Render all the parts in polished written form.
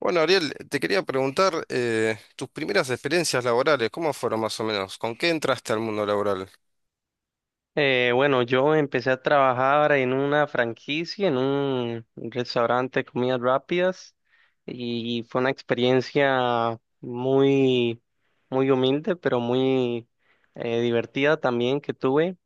Bueno, Ariel, te quería preguntar tus primeras experiencias laborales, ¿cómo fueron más o menos? ¿Con qué entraste al mundo laboral? Bueno, yo empecé a trabajar en una franquicia, en un restaurante de comidas rápidas y fue una experiencia muy, muy humilde, pero muy divertida también que tuve.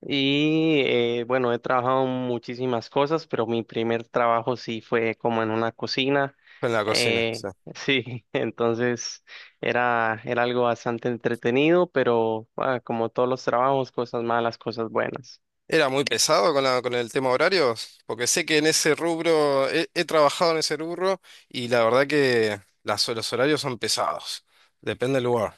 Y bueno, he trabajado en muchísimas cosas, pero mi primer trabajo sí fue como en una cocina. En la cocina, Eh, sí. sí, entonces era algo bastante entretenido, pero ah, como todos los trabajos, cosas malas, cosas buenas. ¿Era muy pesado con con el tema horarios? Porque sé que en ese rubro, he trabajado en ese rubro y la verdad que los horarios son pesados, depende del lugar.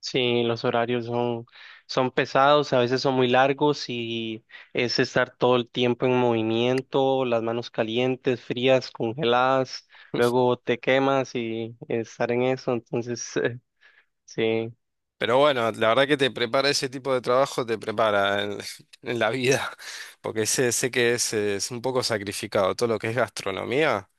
Sí, los horarios son pesados, a veces son muy largos y es estar todo el tiempo en movimiento, las manos calientes, frías, congeladas, luego te quemas y estar en eso, entonces sí. Pero bueno, la verdad que te prepara ese tipo de trabajo, te prepara en, en la vida, porque sé que es un poco sacrificado, todo lo que es gastronomía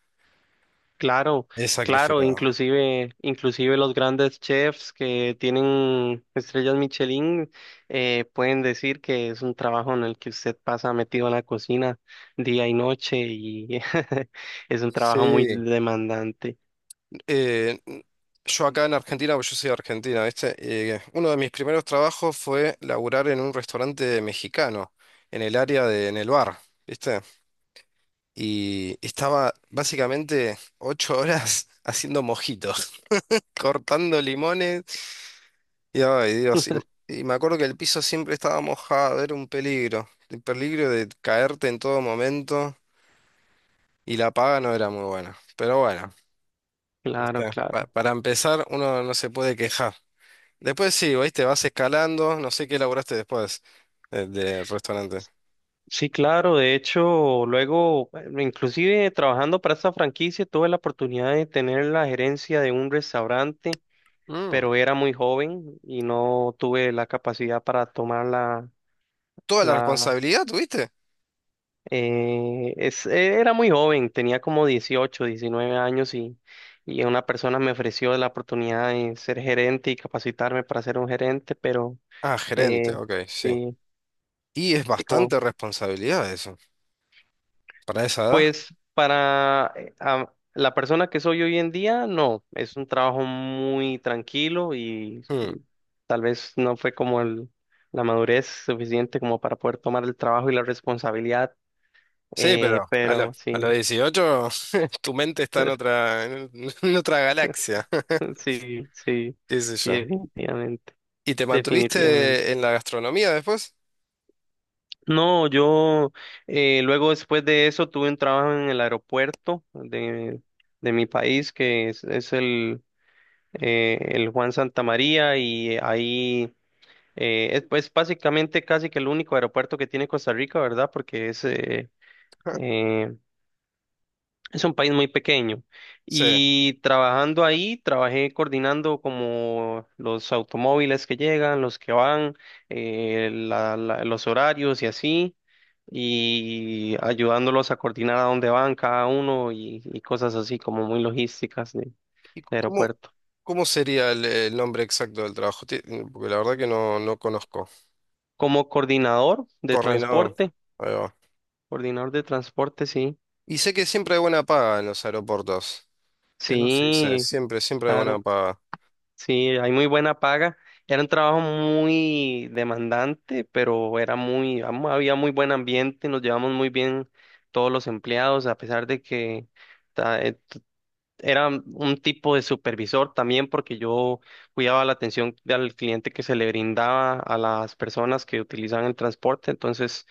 Claro, es claro, sacrificado. inclusive, inclusive los grandes chefs que tienen estrellas Michelin pueden decir que es un trabajo en el que usted pasa metido en la cocina día y noche y es un trabajo muy Sí. demandante. Eh, yo acá en Argentina, porque yo soy de Argentina, ¿viste? Uno de mis primeros trabajos fue laburar en un restaurante mexicano, en el área de, en el bar, ¿viste? Y estaba básicamente 8 horas haciendo mojitos, cortando limones. Y ay, Dios, y me acuerdo que el piso siempre estaba mojado, era un peligro, el peligro de caerte en todo momento y la paga no era muy buena. Pero bueno, Claro, ¿viste? Claro. Para empezar, uno no se puede quejar. Después sí, ¿veis? Te vas escalando, no sé qué elaboraste después del restaurante. Sí, claro. De hecho, luego, inclusive trabajando para esta franquicia, tuve la oportunidad de tener la gerencia de un restaurante, Mm. pero era muy joven y no tuve la capacidad para tomarla. ¿Toda la La, responsabilidad tuviste? era muy joven, tenía como 18 19 años y una persona me ofreció la oportunidad de ser gerente y capacitarme para ser un gerente, pero Ah, gerente, eh, ok, sí. sí, Y es sí, como, bastante responsabilidad eso, para esa edad. pues para la persona que soy hoy en día, no, es un trabajo muy tranquilo y Mm. tal vez no fue como la madurez suficiente como para poder tomar el trabajo y la responsabilidad, Sí, pero pero a los sí. 18 tu mente está en otra, en otra galaxia, Sí, sí, qué sé sí, yo. definitivamente, ¿Y te definitivamente. mantuviste en la gastronomía después? No, yo luego después de eso tuve un trabajo en el aeropuerto de mi país, que es el Juan Santa María, y ahí es pues básicamente casi que el único aeropuerto que tiene Costa Rica, ¿verdad? Porque Ah. eh, es un país muy pequeño Sí. y trabajando ahí, trabajé coordinando como los automóviles que llegan, los que van, los horarios y así, y ayudándolos a coordinar a dónde van cada uno y cosas así como muy logísticas de, ¿Y de aeropuerto. cómo sería el nombre exacto del trabajo? Porque la verdad que no conozco. Como Coordinador. Coordinador de transporte, sí, Y sé que siempre hay buena paga en los aeropuertos. Eso sí sé, sí, siempre, siempre hay buena claro. paga. Sí, hay muy buena paga. Era un trabajo muy demandante, pero era había muy buen ambiente, nos llevamos muy bien todos los empleados, a pesar de que ta- eh, era un tipo de supervisor también, porque yo cuidaba la atención al cliente que se le brindaba a las personas que utilizaban el transporte, entonces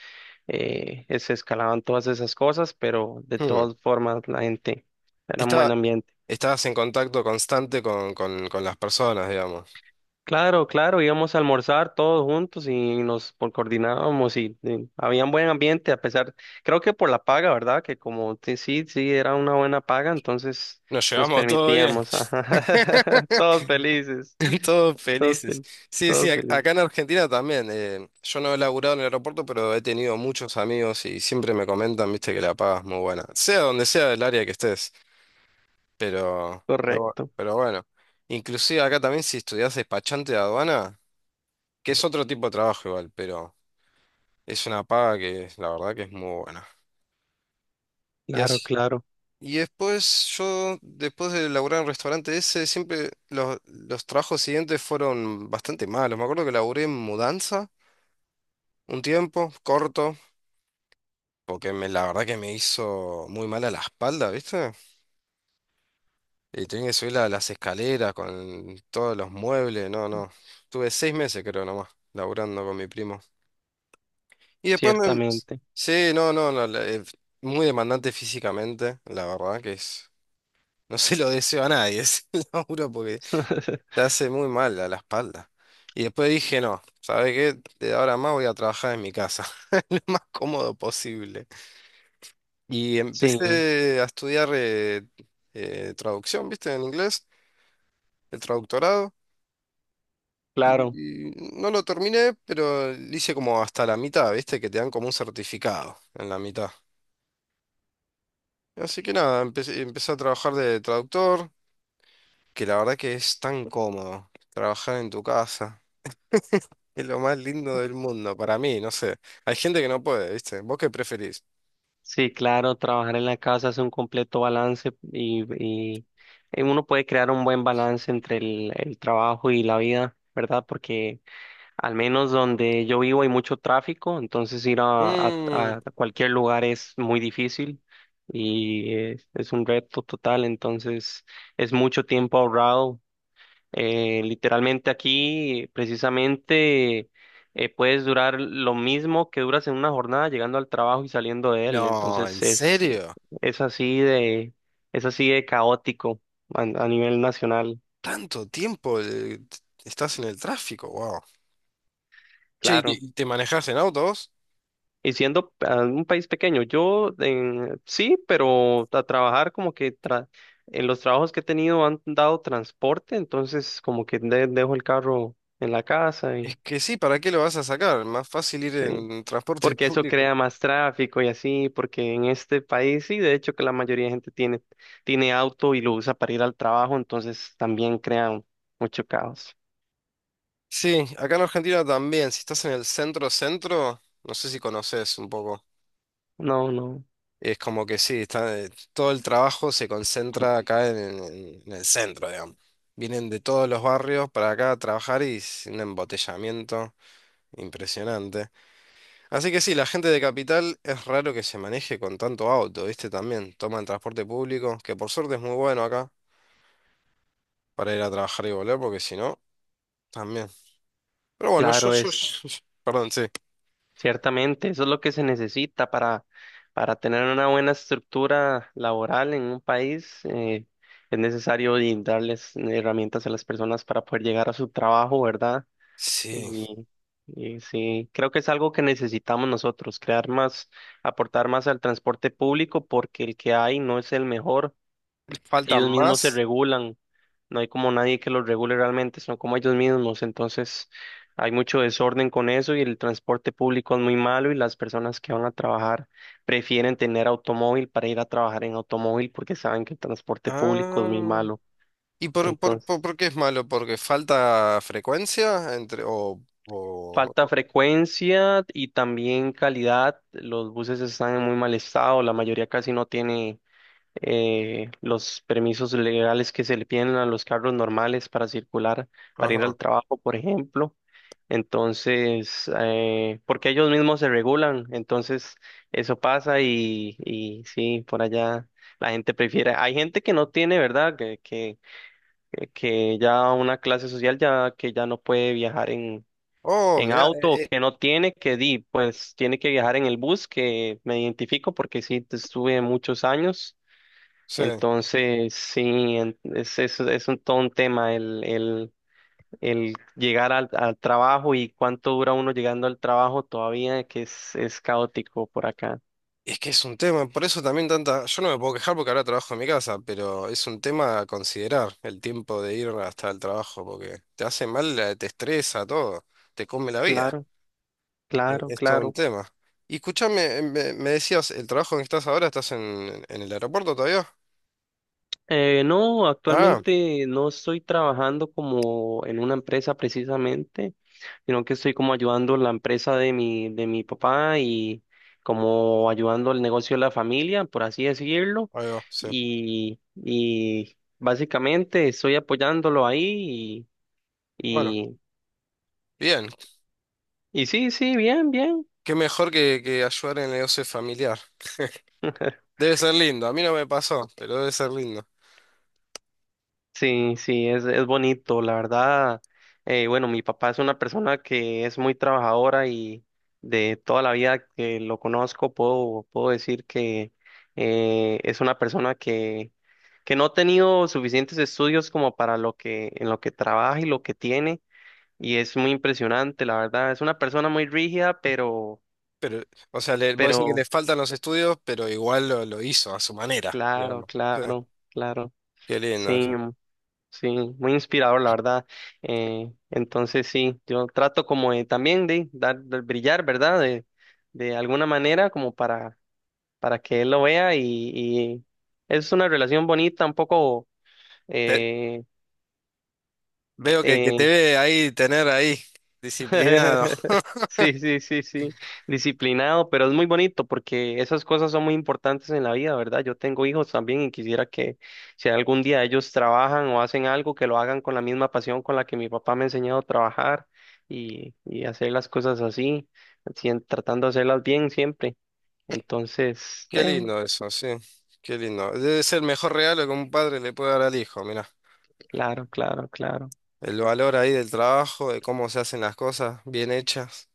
se escalaban todas esas cosas, pero de Hmm. todas formas la gente era un buen Está, ambiente. Estás en contacto constante con las personas, digamos. Claro, claro, íbamos a almorzar todos juntos y nos coordinábamos y, había un buen ambiente a pesar, creo que por la paga, ¿verdad? Que sí, sí, era una buena paga, entonces Nos nos llevamos todo bien. permitíamos, ajá, todos felices, Todos todos felices. felices, Sí, sí, todos felices, acá en Argentina también. Yo no he laburado en el aeropuerto, pero he tenido muchos amigos y siempre me comentan, viste, que la paga es muy buena. Sea donde sea el área que estés, correcto, pero bueno. Inclusive acá también si estudias despachante de aduana, que es otro tipo de trabajo igual, pero es una paga que la verdad que es muy buena. Y claro, así. claro, Y después yo, después de laburar en el restaurante ese, siempre los trabajos siguientes fueron bastante malos. Me acuerdo que laburé en mudanza un tiempo, corto, porque la verdad que me hizo muy mal a la espalda, ¿viste? Y tenía que subir las escaleras con todos los muebles, no, no. Tuve 6 meses creo nomás, laburando con mi primo. Y después me... ciertamente, Sí, no, no, no, muy demandante físicamente, la verdad que es... No se lo deseo a nadie ese laburo porque te hace muy mal a la espalda. Y después dije, no, ¿sabes qué? De ahora en más voy a trabajar en mi casa, lo más cómodo posible. Y sí, empecé a estudiar traducción, ¿viste? En inglés, el traductorado. claro, Y no lo terminé, pero lo hice como hasta la mitad, ¿viste? Que te dan como un certificado en la mitad. Así que nada, empecé a trabajar de traductor, que la verdad que es tan cómodo trabajar en tu casa. Es lo más lindo del mundo, para mí, no sé. Hay gente que no puede, ¿viste? ¿Vos qué preferís? sí, claro, trabajar en la casa es un completo balance y uno puede crear un buen balance entre el trabajo y la vida, ¿verdad? Porque al menos donde yo vivo hay mucho tráfico, entonces ir a, a- Mm, a cualquier lugar es muy difícil y un reto total, entonces es mucho tiempo ahorrado. Literalmente aquí, precisamente, puedes durar lo mismo que duras en una jornada llegando al trabajo y saliendo de él, no, ¿en entonces serio? es así de, es así de caótico a nivel nacional, ¿Tanto tiempo estás en el tráfico? Wow. Che, ¿y claro. y te manejás en autos? Y siendo un país pequeño, sí, pero a trabajar en los trabajos que he tenido han dado transporte, entonces como que dejo el carro en la casa Es y que sí, ¿para qué lo vas a sacar? Más fácil ir sí, en transporte porque eso público. crea más tráfico y así, porque en este país sí, de hecho que la mayoría de gente tiene auto y lo usa para ir al trabajo, entonces también crea mucho caos. Sí, acá en Argentina también, si estás en el centro-centro, no sé si conoces un poco. No, no, Es como que sí, está, todo el trabajo se concentra acá en, en el centro, digamos. Vienen de todos los barrios para acá a trabajar y es un embotellamiento impresionante. Así que sí, la gente de Capital es raro que se maneje con tanto auto, ¿viste? También toman transporte público, que por suerte es muy bueno acá para ir a trabajar y volver, porque si no, también. Pero bueno, claro. Es perdón, sí. Ciertamente, eso es lo que se necesita para tener una buena estructura laboral en un país. Es necesario y darles herramientas a las personas para poder llegar a su trabajo, ¿verdad? Sí, Y, y sí, creo que es algo que necesitamos nosotros, crear más, aportar más al transporte público porque el que hay no es el mejor. faltan Ellos mismos se más. regulan, no hay como nadie que los regule realmente, son como ellos mismos, entonces hay mucho desorden con eso y el transporte público es muy malo y las personas que van a trabajar prefieren tener automóvil para ir a trabajar en automóvil porque saben que el transporte público es muy Ah. malo. ¿Y Entonces, por qué es malo? ¿Porque falta frecuencia entre o... falta frecuencia y también calidad, los buses están en muy mal estado, la mayoría casi no tiene los permisos legales que se le piden a los carros normales para circular, para ir ajá. al trabajo, por ejemplo. Entonces, porque ellos mismos se regulan, entonces eso pasa y sí, por allá la gente prefiere. Hay gente que no tiene, ¿verdad? Que ya una clase social ya que ya no puede viajar en, Oh, en mirá, auto o que no tiene, pues tiene que viajar en el bus, que me identifico porque sí, estuve muchos años sí. entonces, sí, todo un tema el llegar al trabajo y cuánto dura uno llegando al trabajo todavía, que es caótico por acá. Es que es un tema, por eso también tanta. Yo no me puedo quejar porque ahora trabajo en mi casa, pero es un tema a considerar el tiempo de ir hasta el trabajo, porque te hace mal, te estresa todo, te come la vida. Claro, claro, Es, todo un claro. tema. Y escúchame, me decías, el trabajo en que estás ahora, ¿estás en el aeropuerto todavía? No, Ah, actualmente no estoy trabajando como en una empresa precisamente, sino que estoy como ayudando la empresa de mi papá y como ayudando el negocio de la familia, por así decirlo. ahí va, sí. Y básicamente estoy apoyándolo ahí Bueno, y, y, bien, y sí, sí, bien, bien. qué mejor que ayudar en el negocio familiar. Debe ser lindo, a mí no me pasó, pero debe ser lindo. Sí, sí, es bonito, la verdad. Bueno, mi papá es una persona que es muy trabajadora y de toda la vida que lo conozco puedo decir que es una persona que no ha tenido suficientes estudios como para lo que, en lo que trabaja y lo que tiene y es muy impresionante, la verdad. Es una persona muy rígida, pero, Pero, o sea, le, vos decís que le pero, faltan los estudios, pero igual lo hizo a su manera, claro, digamos. Sí, claro, claro, qué lindo sí. eso. Sí, muy inspirador, la verdad. Entonces sí, yo trato como de también de dar, de brillar, ¿verdad? De alguna manera como para que él lo vea y es una relación bonita, un poco Te- eh, Veo que te eh, ve ahí, tener ahí, disciplinado. Sí, sí, sí, sí. Disciplinado, pero es muy bonito porque esas cosas son muy importantes en la vida, ¿verdad? Yo tengo hijos también y quisiera que si algún día ellos trabajan o hacen algo, que lo hagan con la misma pasión con la que mi papá me ha enseñado a trabajar y hacer las cosas así, tratando de hacerlas bien siempre. Entonces, Qué lindo eso, sí, qué lindo. Debe ser el mejor regalo que un padre le puede dar al hijo, mirá. claro, claro, claro. El valor ahí del trabajo, de cómo se hacen las cosas bien hechas.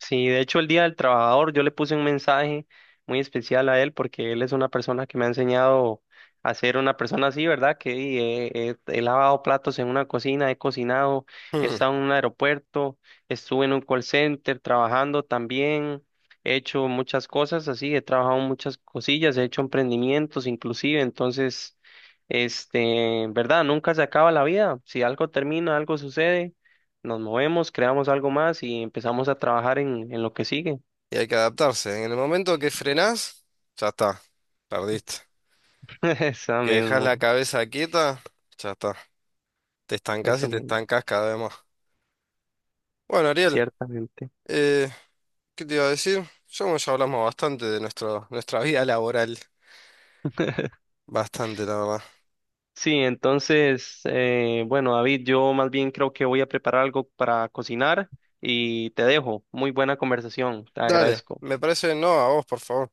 Sí, de hecho el Día del Trabajador yo le puse un mensaje muy especial a él porque él es una persona que me ha enseñado a ser una persona así, ¿verdad? He lavado platos en una cocina, he cocinado, he Mm. estado en un aeropuerto, estuve en un call center trabajando también, he hecho muchas cosas así, he trabajado en muchas cosillas, he hecho emprendimientos inclusive, entonces, ¿verdad? Nunca se acaba la vida, si algo termina, algo sucede, nos movemos, creamos algo más y empezamos a trabajar en lo que sigue. Y hay que adaptarse. En el momento que frenás, ya está, perdiste. Eso Que dejás la mismo, cabeza quieta, ya está. Te estancas y eso te mismo, estancas cada vez más. Bueno, Ariel, ciertamente. eh, ¿qué te iba a decir? Ya hablamos bastante de nuestra vida laboral. Bastante, la verdad. Sí, entonces, bueno, David, yo más bien creo que voy a preparar algo para cocinar y te dejo. Muy buena conversación, te Dale, agradezco. me parece, no, a vos, por favor.